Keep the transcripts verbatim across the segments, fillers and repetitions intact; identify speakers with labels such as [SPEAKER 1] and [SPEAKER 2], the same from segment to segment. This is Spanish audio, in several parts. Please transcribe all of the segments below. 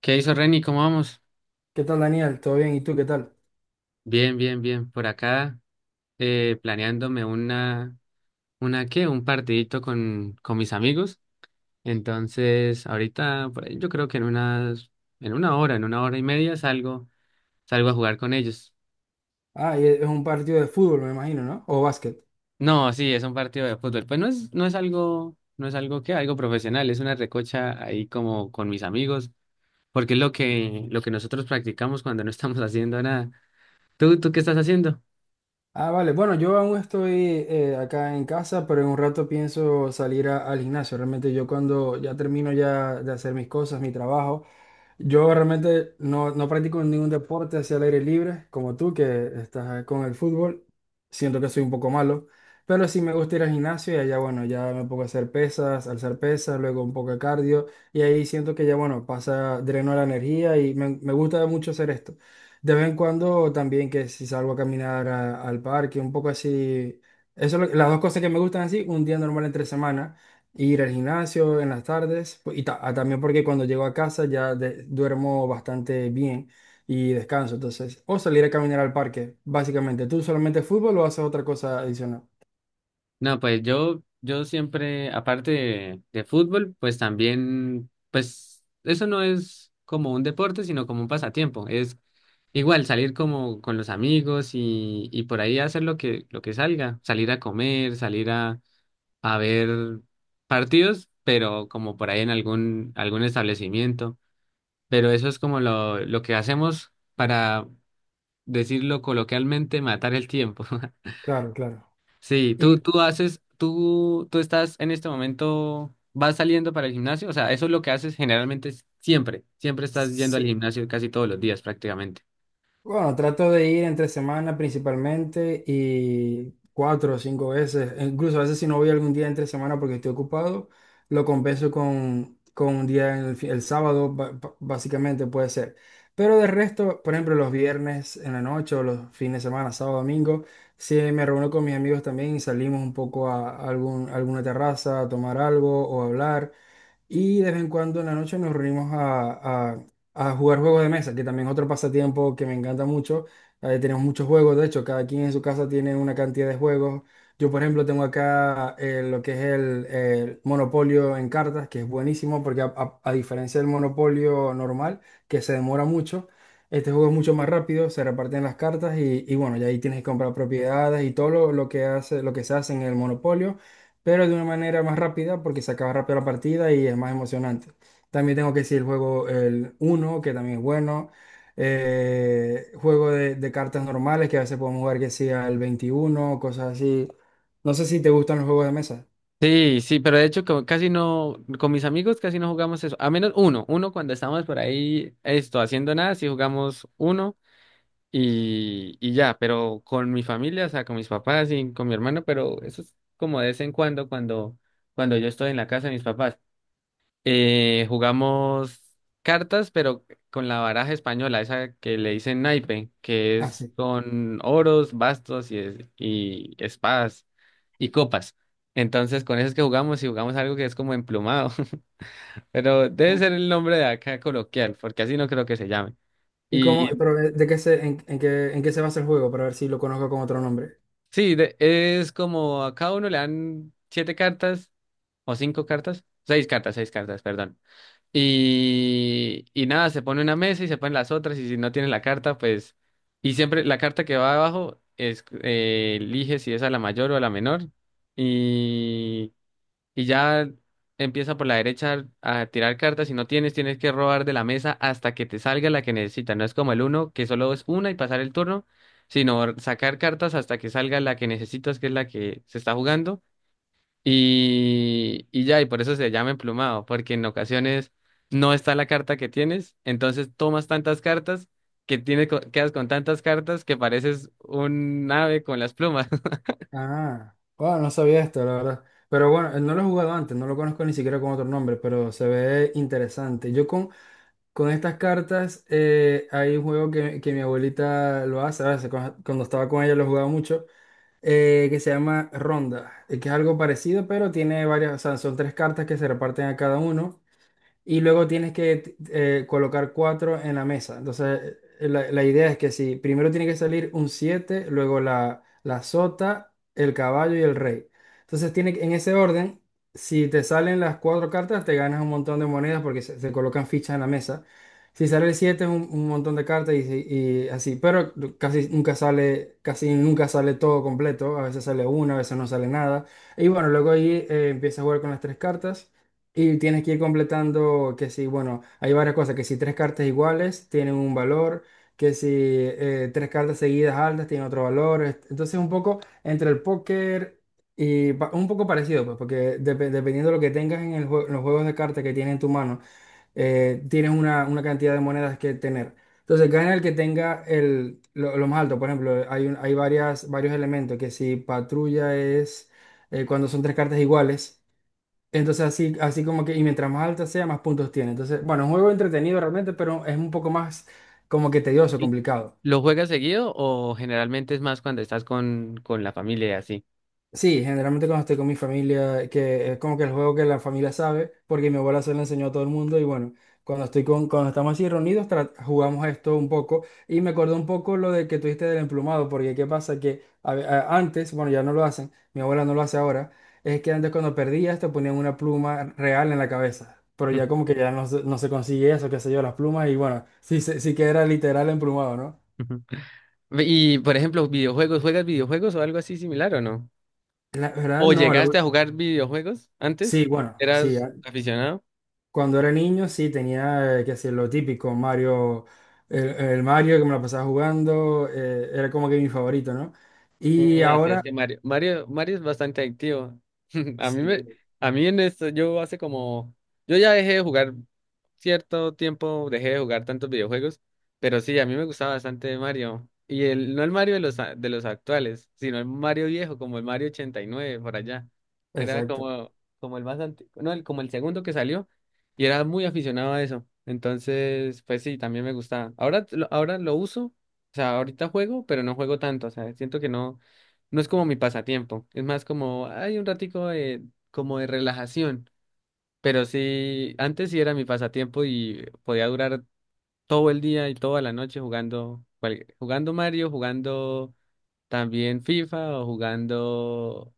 [SPEAKER 1] ¿Qué hizo Reni? ¿Cómo vamos?
[SPEAKER 2] ¿Qué tal, Daniel? ¿Todo bien? ¿Y tú qué tal?
[SPEAKER 1] Bien, bien, bien. Por acá, eh, planeándome una, una ¿qué? Un partidito con, con mis amigos. Entonces, ahorita, por ahí, yo creo que en unas, en una hora, en una hora y media salgo, salgo a jugar con ellos.
[SPEAKER 2] Ah, y es un partido de fútbol, me imagino, ¿no? O básquet.
[SPEAKER 1] No, sí, es un partido de fútbol. Pues no es, no es algo, no es algo que, algo profesional, es una recocha ahí como con mis amigos, porque es lo que, lo que nosotros practicamos cuando no estamos haciendo nada. ¿Tú, tú qué estás haciendo?
[SPEAKER 2] Ah, vale. Bueno, yo aún estoy eh, acá en casa, pero en un rato pienso salir a- al gimnasio. Realmente yo cuando ya termino ya de hacer mis cosas, mi trabajo, yo realmente no, no practico ningún deporte hacia el aire libre, como tú que estás con el fútbol. Siento que soy un poco malo, pero sí me gusta ir al gimnasio y allá, bueno, ya me pongo a hacer pesas, alzar pesas, luego un poco de cardio y ahí siento que ya, bueno, pasa, dreno la energía y me, me gusta mucho hacer esto. De vez en cuando también que si salgo a caminar a- al parque, un poco así. Eso, es lo- las dos cosas que me gustan así, un día normal entre semana, ir al gimnasio en las tardes, pues, y ta- ah, también porque cuando llego a casa ya de- duermo bastante bien y descanso, entonces, o salir a caminar al parque, básicamente. ¿Tú solamente fútbol o haces otra cosa adicional?
[SPEAKER 1] No, pues yo, yo siempre, aparte de, de fútbol, pues también, pues eso no es como un deporte, sino como un pasatiempo. Es igual salir como con los amigos y, y por ahí hacer lo que, lo que salga, salir a comer, salir a, a ver partidos, pero como por ahí en algún, algún establecimiento. Pero eso es como lo, lo que hacemos para decirlo coloquialmente, matar el tiempo.
[SPEAKER 2] Claro, claro.
[SPEAKER 1] Sí, tú,
[SPEAKER 2] Y
[SPEAKER 1] tú haces, tú, tú estás en este momento, vas saliendo para el gimnasio, o sea, eso es lo que haces generalmente es- siempre, siempre estás yendo al
[SPEAKER 2] sí.
[SPEAKER 1] gimnasio casi todos los días prácticamente.
[SPEAKER 2] Bueno, trato de ir entre semana principalmente y cuatro o cinco veces, e incluso a veces si no voy algún día entre semana porque estoy ocupado, lo compenso con, con un día en el, fi- el sábado, ba- ba- básicamente puede ser. Pero de resto, por ejemplo, los viernes en la noche o los fines de semana, sábado, domingo, si me reúno con mis amigos también y salimos un poco a algún, alguna terraza a tomar algo o a hablar. Y de vez en cuando en la noche nos reunimos a jugar juegos de mesa, que también es otro pasatiempo que me encanta mucho. Eh, tenemos muchos juegos, de hecho, cada quien en su casa tiene una cantidad de juegos. Yo, por ejemplo, tengo acá eh, lo que es el, el Monopolio en cartas, que es buenísimo porque a, a- a diferencia del Monopolio normal, que se demora mucho, este juego es mucho más rápido, se reparten las cartas y, y bueno, ya ahí tienes que comprar propiedades y todo lo, lo que hace, lo que se hace en el Monopolio, pero de una manera más rápida porque se acaba rápido la partida y es más emocionante. También tengo que decir el juego el uno que también es bueno. Eh, juego de, de cartas normales, que a veces podemos jugar que sea el veintiuno, cosas así. No sé si te gustan los juegos de mesa.
[SPEAKER 1] Sí, sí, pero de hecho como casi no, con mis amigos casi no jugamos eso, a menos uno, uno cuando estamos por ahí, esto, haciendo nada, sí jugamos uno y, y ya, pero con mi familia, o sea, con mis papás y con mi hermano, pero eso es como de vez en cuando, cuando, cuando yo estoy en la casa de mis papás. Eh, jugamos cartas, pero con la baraja española, esa que le dicen naipe, que
[SPEAKER 2] Ah,
[SPEAKER 1] es
[SPEAKER 2] sí.
[SPEAKER 1] con oros, bastos y, es- y espadas y copas. Entonces, con eso es que jugamos y jugamos algo que es como emplumado, pero debe ser el nombre de acá coloquial, porque así no creo que se llame.
[SPEAKER 2] ¿Y cómo,
[SPEAKER 1] Y
[SPEAKER 2] pero de de qué se, en, en qué, en qué se basa el juego? Para ver si lo conozco con otro nombre.
[SPEAKER 1] sí, de- es como a cada uno le dan siete cartas o cinco cartas, seis cartas, seis cartas, perdón. Y, y nada, se pone una mesa y se ponen las otras y si no tienes la carta, pues... Y siempre la carta que va abajo es, eh, elige si es a la mayor o a la menor. Y, y ya empieza por la derecha a tirar cartas. Si no tienes, tienes que robar de la mesa hasta que te salga la que necesitas. No es como el uno, que solo es una y pasar el turno, sino sacar cartas hasta que salga la que necesitas, que es la que se está jugando. Y, y ya, y por eso se llama emplumado, porque en ocasiones no está la carta que tienes, entonces tomas tantas cartas que tienes, co- quedas con tantas cartas que pareces un ave con las plumas.
[SPEAKER 2] Ah, bueno, no sabía esto, la verdad. Pero bueno, eh, no lo he jugado antes, no lo conozco ni siquiera con otro nombre, pero se ve interesante. Yo con, Con estas cartas eh, hay un juego que, que mi abuelita lo hace, a veces cuando, cuando estaba con ella lo jugaba mucho, eh, que se llama Ronda, eh, que es algo parecido, pero tiene varias, o sea, son tres cartas que se reparten a cada uno y luego tienes que eh, colocar cuatro en la mesa. Entonces, eh, la, la idea es que si primero tiene que salir un siete luego la, la sota, el caballo y el rey. Entonces, tiene, que- en ese orden, si te salen las cuatro cartas, te ganas un montón de monedas porque se, se colocan fichas en la mesa. Si sale el siete es un, un montón de cartas y, si- y así, pero casi nunca sale, casi nunca sale todo completo, a veces sale una, a veces no sale nada. Y bueno, luego ahí eh, empieza a jugar con las tres cartas. Y tienes que ir completando que si, bueno, hay varias cosas, que si tres cartas iguales tienen un valor, que si eh, tres cartas seguidas altas tienen otro valor. est- Entonces un poco entre el póker y pa- un poco parecido, pues, porque depe- dependiendo de lo que tengas en el jue- en los juegos de cartas que tienes en tu mano, eh, tienes una, una cantidad de monedas que tener. Entonces gana el que tenga el, lo, lo más alto. Por ejemplo, hay, un- hay varias, varios elementos, que si patrulla es eh, cuando son tres cartas iguales. Entonces así, así como que, y mientras más alta sea, más puntos tiene. Entonces, bueno, es un juego entretenido realmente, pero es un poco más como que tedioso,
[SPEAKER 1] ¿Y
[SPEAKER 2] complicado.
[SPEAKER 1] ¿Lo juegas seguido o generalmente es más cuando estás con, con la familia y así?
[SPEAKER 2] Sí, generalmente cuando estoy con mi familia, que es como que el juego que la familia sabe, porque mi abuela se lo enseñó a todo el mundo y bueno, cuando estoy con, cuando estamos así reunidos, tra- jugamos esto un poco y me acordó un poco lo de que tuviste del emplumado, porque qué pasa que a ve- a- antes, bueno, ya no lo hacen, mi abuela no lo hace ahora, es que antes cuando perdías te ponían una pluma real en la cabeza, pero ya como que ya no se, no se consigue eso, qué sé yo, las plumas y bueno, sí, se- sí que era literal emplumado, ¿no?
[SPEAKER 1] Y, por ejemplo, videojuegos, ¿juegas videojuegos o algo así similar o no?
[SPEAKER 2] La verdad,
[SPEAKER 1] ¿O ¿Ah, no,
[SPEAKER 2] no, la-
[SPEAKER 1] llegaste a jugar videojuegos antes?
[SPEAKER 2] sí, bueno, sí,
[SPEAKER 1] ¿Eras aficionado?
[SPEAKER 2] cuando era niño, sí, tenía eh, que hacer lo típico, Mario, el, el Mario que me la pasaba jugando, eh, era como que mi favorito, ¿no?
[SPEAKER 1] Mm,
[SPEAKER 2] Y
[SPEAKER 1] no, así es
[SPEAKER 2] ahora,
[SPEAKER 1] que Mario, Mario, Mario es bastante adictivo. A mí
[SPEAKER 2] sí,
[SPEAKER 1] me, a mí en esto, yo hace como, yo ya dejé de jugar cierto tiempo, dejé de jugar tantos videojuegos, pero sí, a mí me gustaba bastante Mario. Y el, no el Mario de los, a- de los actuales, sino el Mario viejo, como el Mario ochenta y nueve, por allá. Era
[SPEAKER 2] exacto.
[SPEAKER 1] como, como el más antiguo, no, el, como el segundo que salió, y era muy aficionado a eso. Entonces, pues sí, también me gustaba. Ahora, lo- ahora lo uso, o sea, ahorita juego, pero no juego tanto, o sea, siento que no. No es como mi pasatiempo, es más como hay un ratico de, como de relajación, pero sí, antes sí era mi pasatiempo y podía durar todo el día y toda la noche jugando, cual- jugando Mario, jugando también FIFA o jugando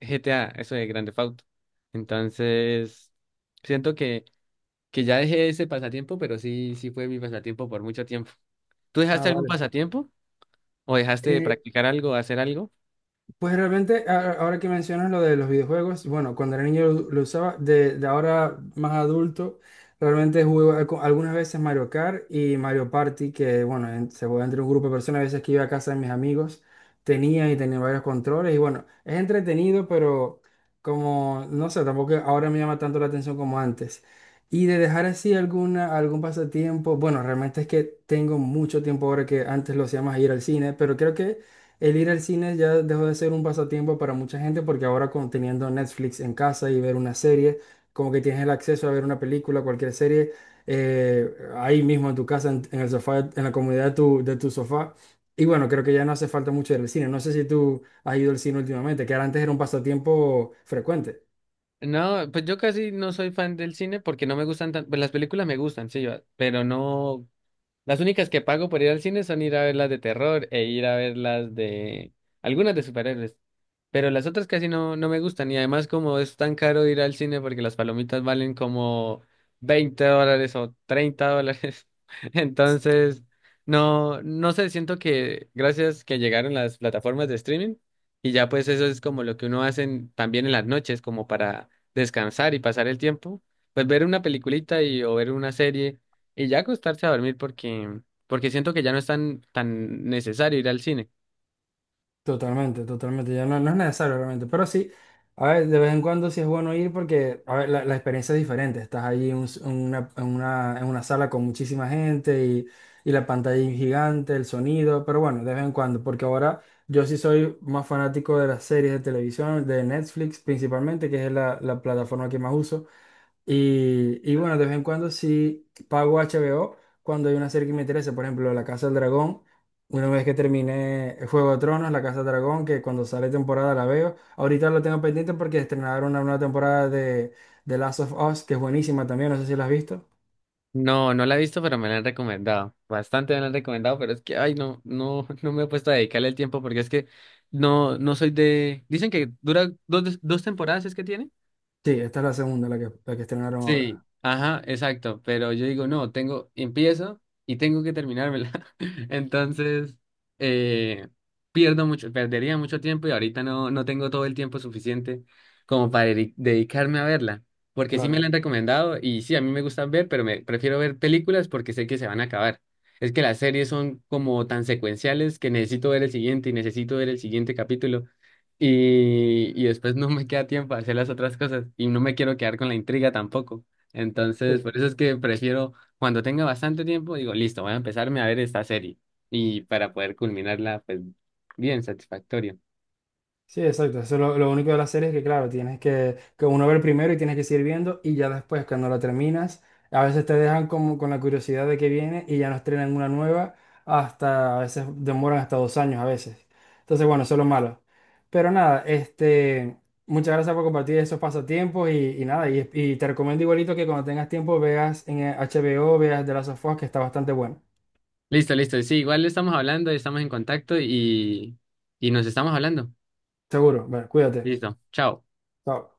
[SPEAKER 1] G T A, eso de Grand Theft Auto. Entonces, siento que, que ya dejé ese pasatiempo, pero sí, sí fue mi pasatiempo por mucho tiempo. ¿Tú
[SPEAKER 2] Ah,
[SPEAKER 1] dejaste algún
[SPEAKER 2] vale.
[SPEAKER 1] pasatiempo o dejaste de
[SPEAKER 2] Eh,
[SPEAKER 1] practicar algo, hacer algo?
[SPEAKER 2] pues realmente, a- ahora que mencionas lo de los videojuegos, bueno, cuando era niño lo, lo usaba, de, de ahora más adulto, realmente jugué al- algunas veces Mario Kart y Mario Party, que bueno, en- se juega entre un grupo de personas, a veces que iba a casa de mis amigos, tenía y tenía varios controles, y bueno, es entretenido, pero como, no sé, tampoco ahora me llama tanto la atención como antes. Y de dejar así alguna, algún pasatiempo, bueno, realmente es que tengo mucho tiempo ahora que antes lo hacía más ir al cine, pero creo que... El ir al cine ya dejó de ser un pasatiempo para mucha gente porque ahora con teniendo Netflix en casa y ver una serie, como que tienes el acceso a ver una película, cualquier serie, eh, ahí mismo en tu casa, en, en el sofá, en la comodidad de tu, de tu sofá. Y bueno, creo que ya no hace falta mucho ir al cine. No sé si tú has ido al cine últimamente, que era- antes era un pasatiempo frecuente.
[SPEAKER 1] No, pues yo casi no soy fan del cine porque no me gustan tanto, pues las películas me gustan, sí, va, pero no, las únicas que pago por ir al cine son ir a ver las de terror e ir a ver las de algunas de superhéroes. Pero las otras casi no, no me gustan. Y además como es tan caro ir al cine porque las palomitas valen como veinte dólares o treinta dólares. Entonces, no, no sé, siento que gracias que llegaron las plataformas de streaming y ya pues eso es como lo que uno hace en- también en las noches como para descansar y pasar el tiempo. Pues ver una peliculita y, o ver una serie y ya acostarse a dormir porque, porque siento que ya no es tan, tan necesario ir al cine.
[SPEAKER 2] Totalmente, totalmente. Ya no, no es necesario realmente. Pero sí, a ver, de vez en cuando sí es bueno ir porque, a ver, la, la experiencia es diferente. Estás allí en, un s- en una, en una, en una sala con muchísima gente y, y la pantalla es gigante, el sonido. Pero bueno, de vez en cuando, porque ahora yo sí soy más fanático de las series de televisión, de Netflix principalmente, que es la, la plataforma que más uso. Y, y bueno, de vez en cuando sí pago H B O cuando hay una serie que me interesa. Por ejemplo, La Casa del Dragón. Una vez que terminé Juego de Tronos, La Casa de Dragón, que cuando sale temporada la veo. Ahorita la tengo pendiente porque estrenaron una nueva temporada de The Last of Us, que es buenísima también, no sé si la has visto.
[SPEAKER 1] No, no la he visto, pero me la han recomendado. Bastante me la han recomendado, pero es que, ay, no, no, no me he puesto a dedicarle el tiempo porque es que no, no soy de... Dicen que dura dos, dos temporadas, ¿es que tiene?
[SPEAKER 2] Sí, esta es la segunda, la que, la que estrenaron
[SPEAKER 1] Sí,
[SPEAKER 2] ahora.
[SPEAKER 1] ajá, exacto, pero yo digo, no, tengo, empiezo y tengo que terminármela. Entonces, eh, pierdo mucho, perdería mucho tiempo y ahorita no, no tengo todo el tiempo suficiente como para dedi- dedicarme a verla, porque sí me la
[SPEAKER 2] Claro.
[SPEAKER 1] han recomendado y sí, a mí me gusta ver, pero me prefiero ver películas porque sé que se van a acabar. Es que las series son como tan secuenciales que necesito ver el siguiente y necesito ver el siguiente capítulo y, y después no me queda tiempo a hacer las otras cosas y no me quiero quedar con la intriga tampoco. Entonces,
[SPEAKER 2] Sí.
[SPEAKER 1] por eso es que prefiero, cuando tenga bastante tiempo, digo, listo, voy a empezarme a ver esta serie y para poder culminarla, pues, bien satisfactorio.
[SPEAKER 2] Sí, exacto. Eso es lo, lo único de la serie es que, claro, tienes que, que uno ver primero y tienes que seguir viendo y ya después, cuando la terminas, a veces te dejan como con la curiosidad de que viene y ya no estrenan una nueva hasta, a veces demoran hasta dos años a veces. Entonces, bueno, eso es lo malo. Pero nada, este, muchas gracias por compartir esos pasatiempos y, y nada, y, y te recomiendo igualito que cuando tengas tiempo veas en H B O, veas The Last of Us, que está bastante bueno.
[SPEAKER 1] Listo, listo. Sí, igual estamos hablando, estamos en contacto y, y nos estamos hablando.
[SPEAKER 2] Seguro. Bueno, cuídate.
[SPEAKER 1] Listo, chao.
[SPEAKER 2] Chao.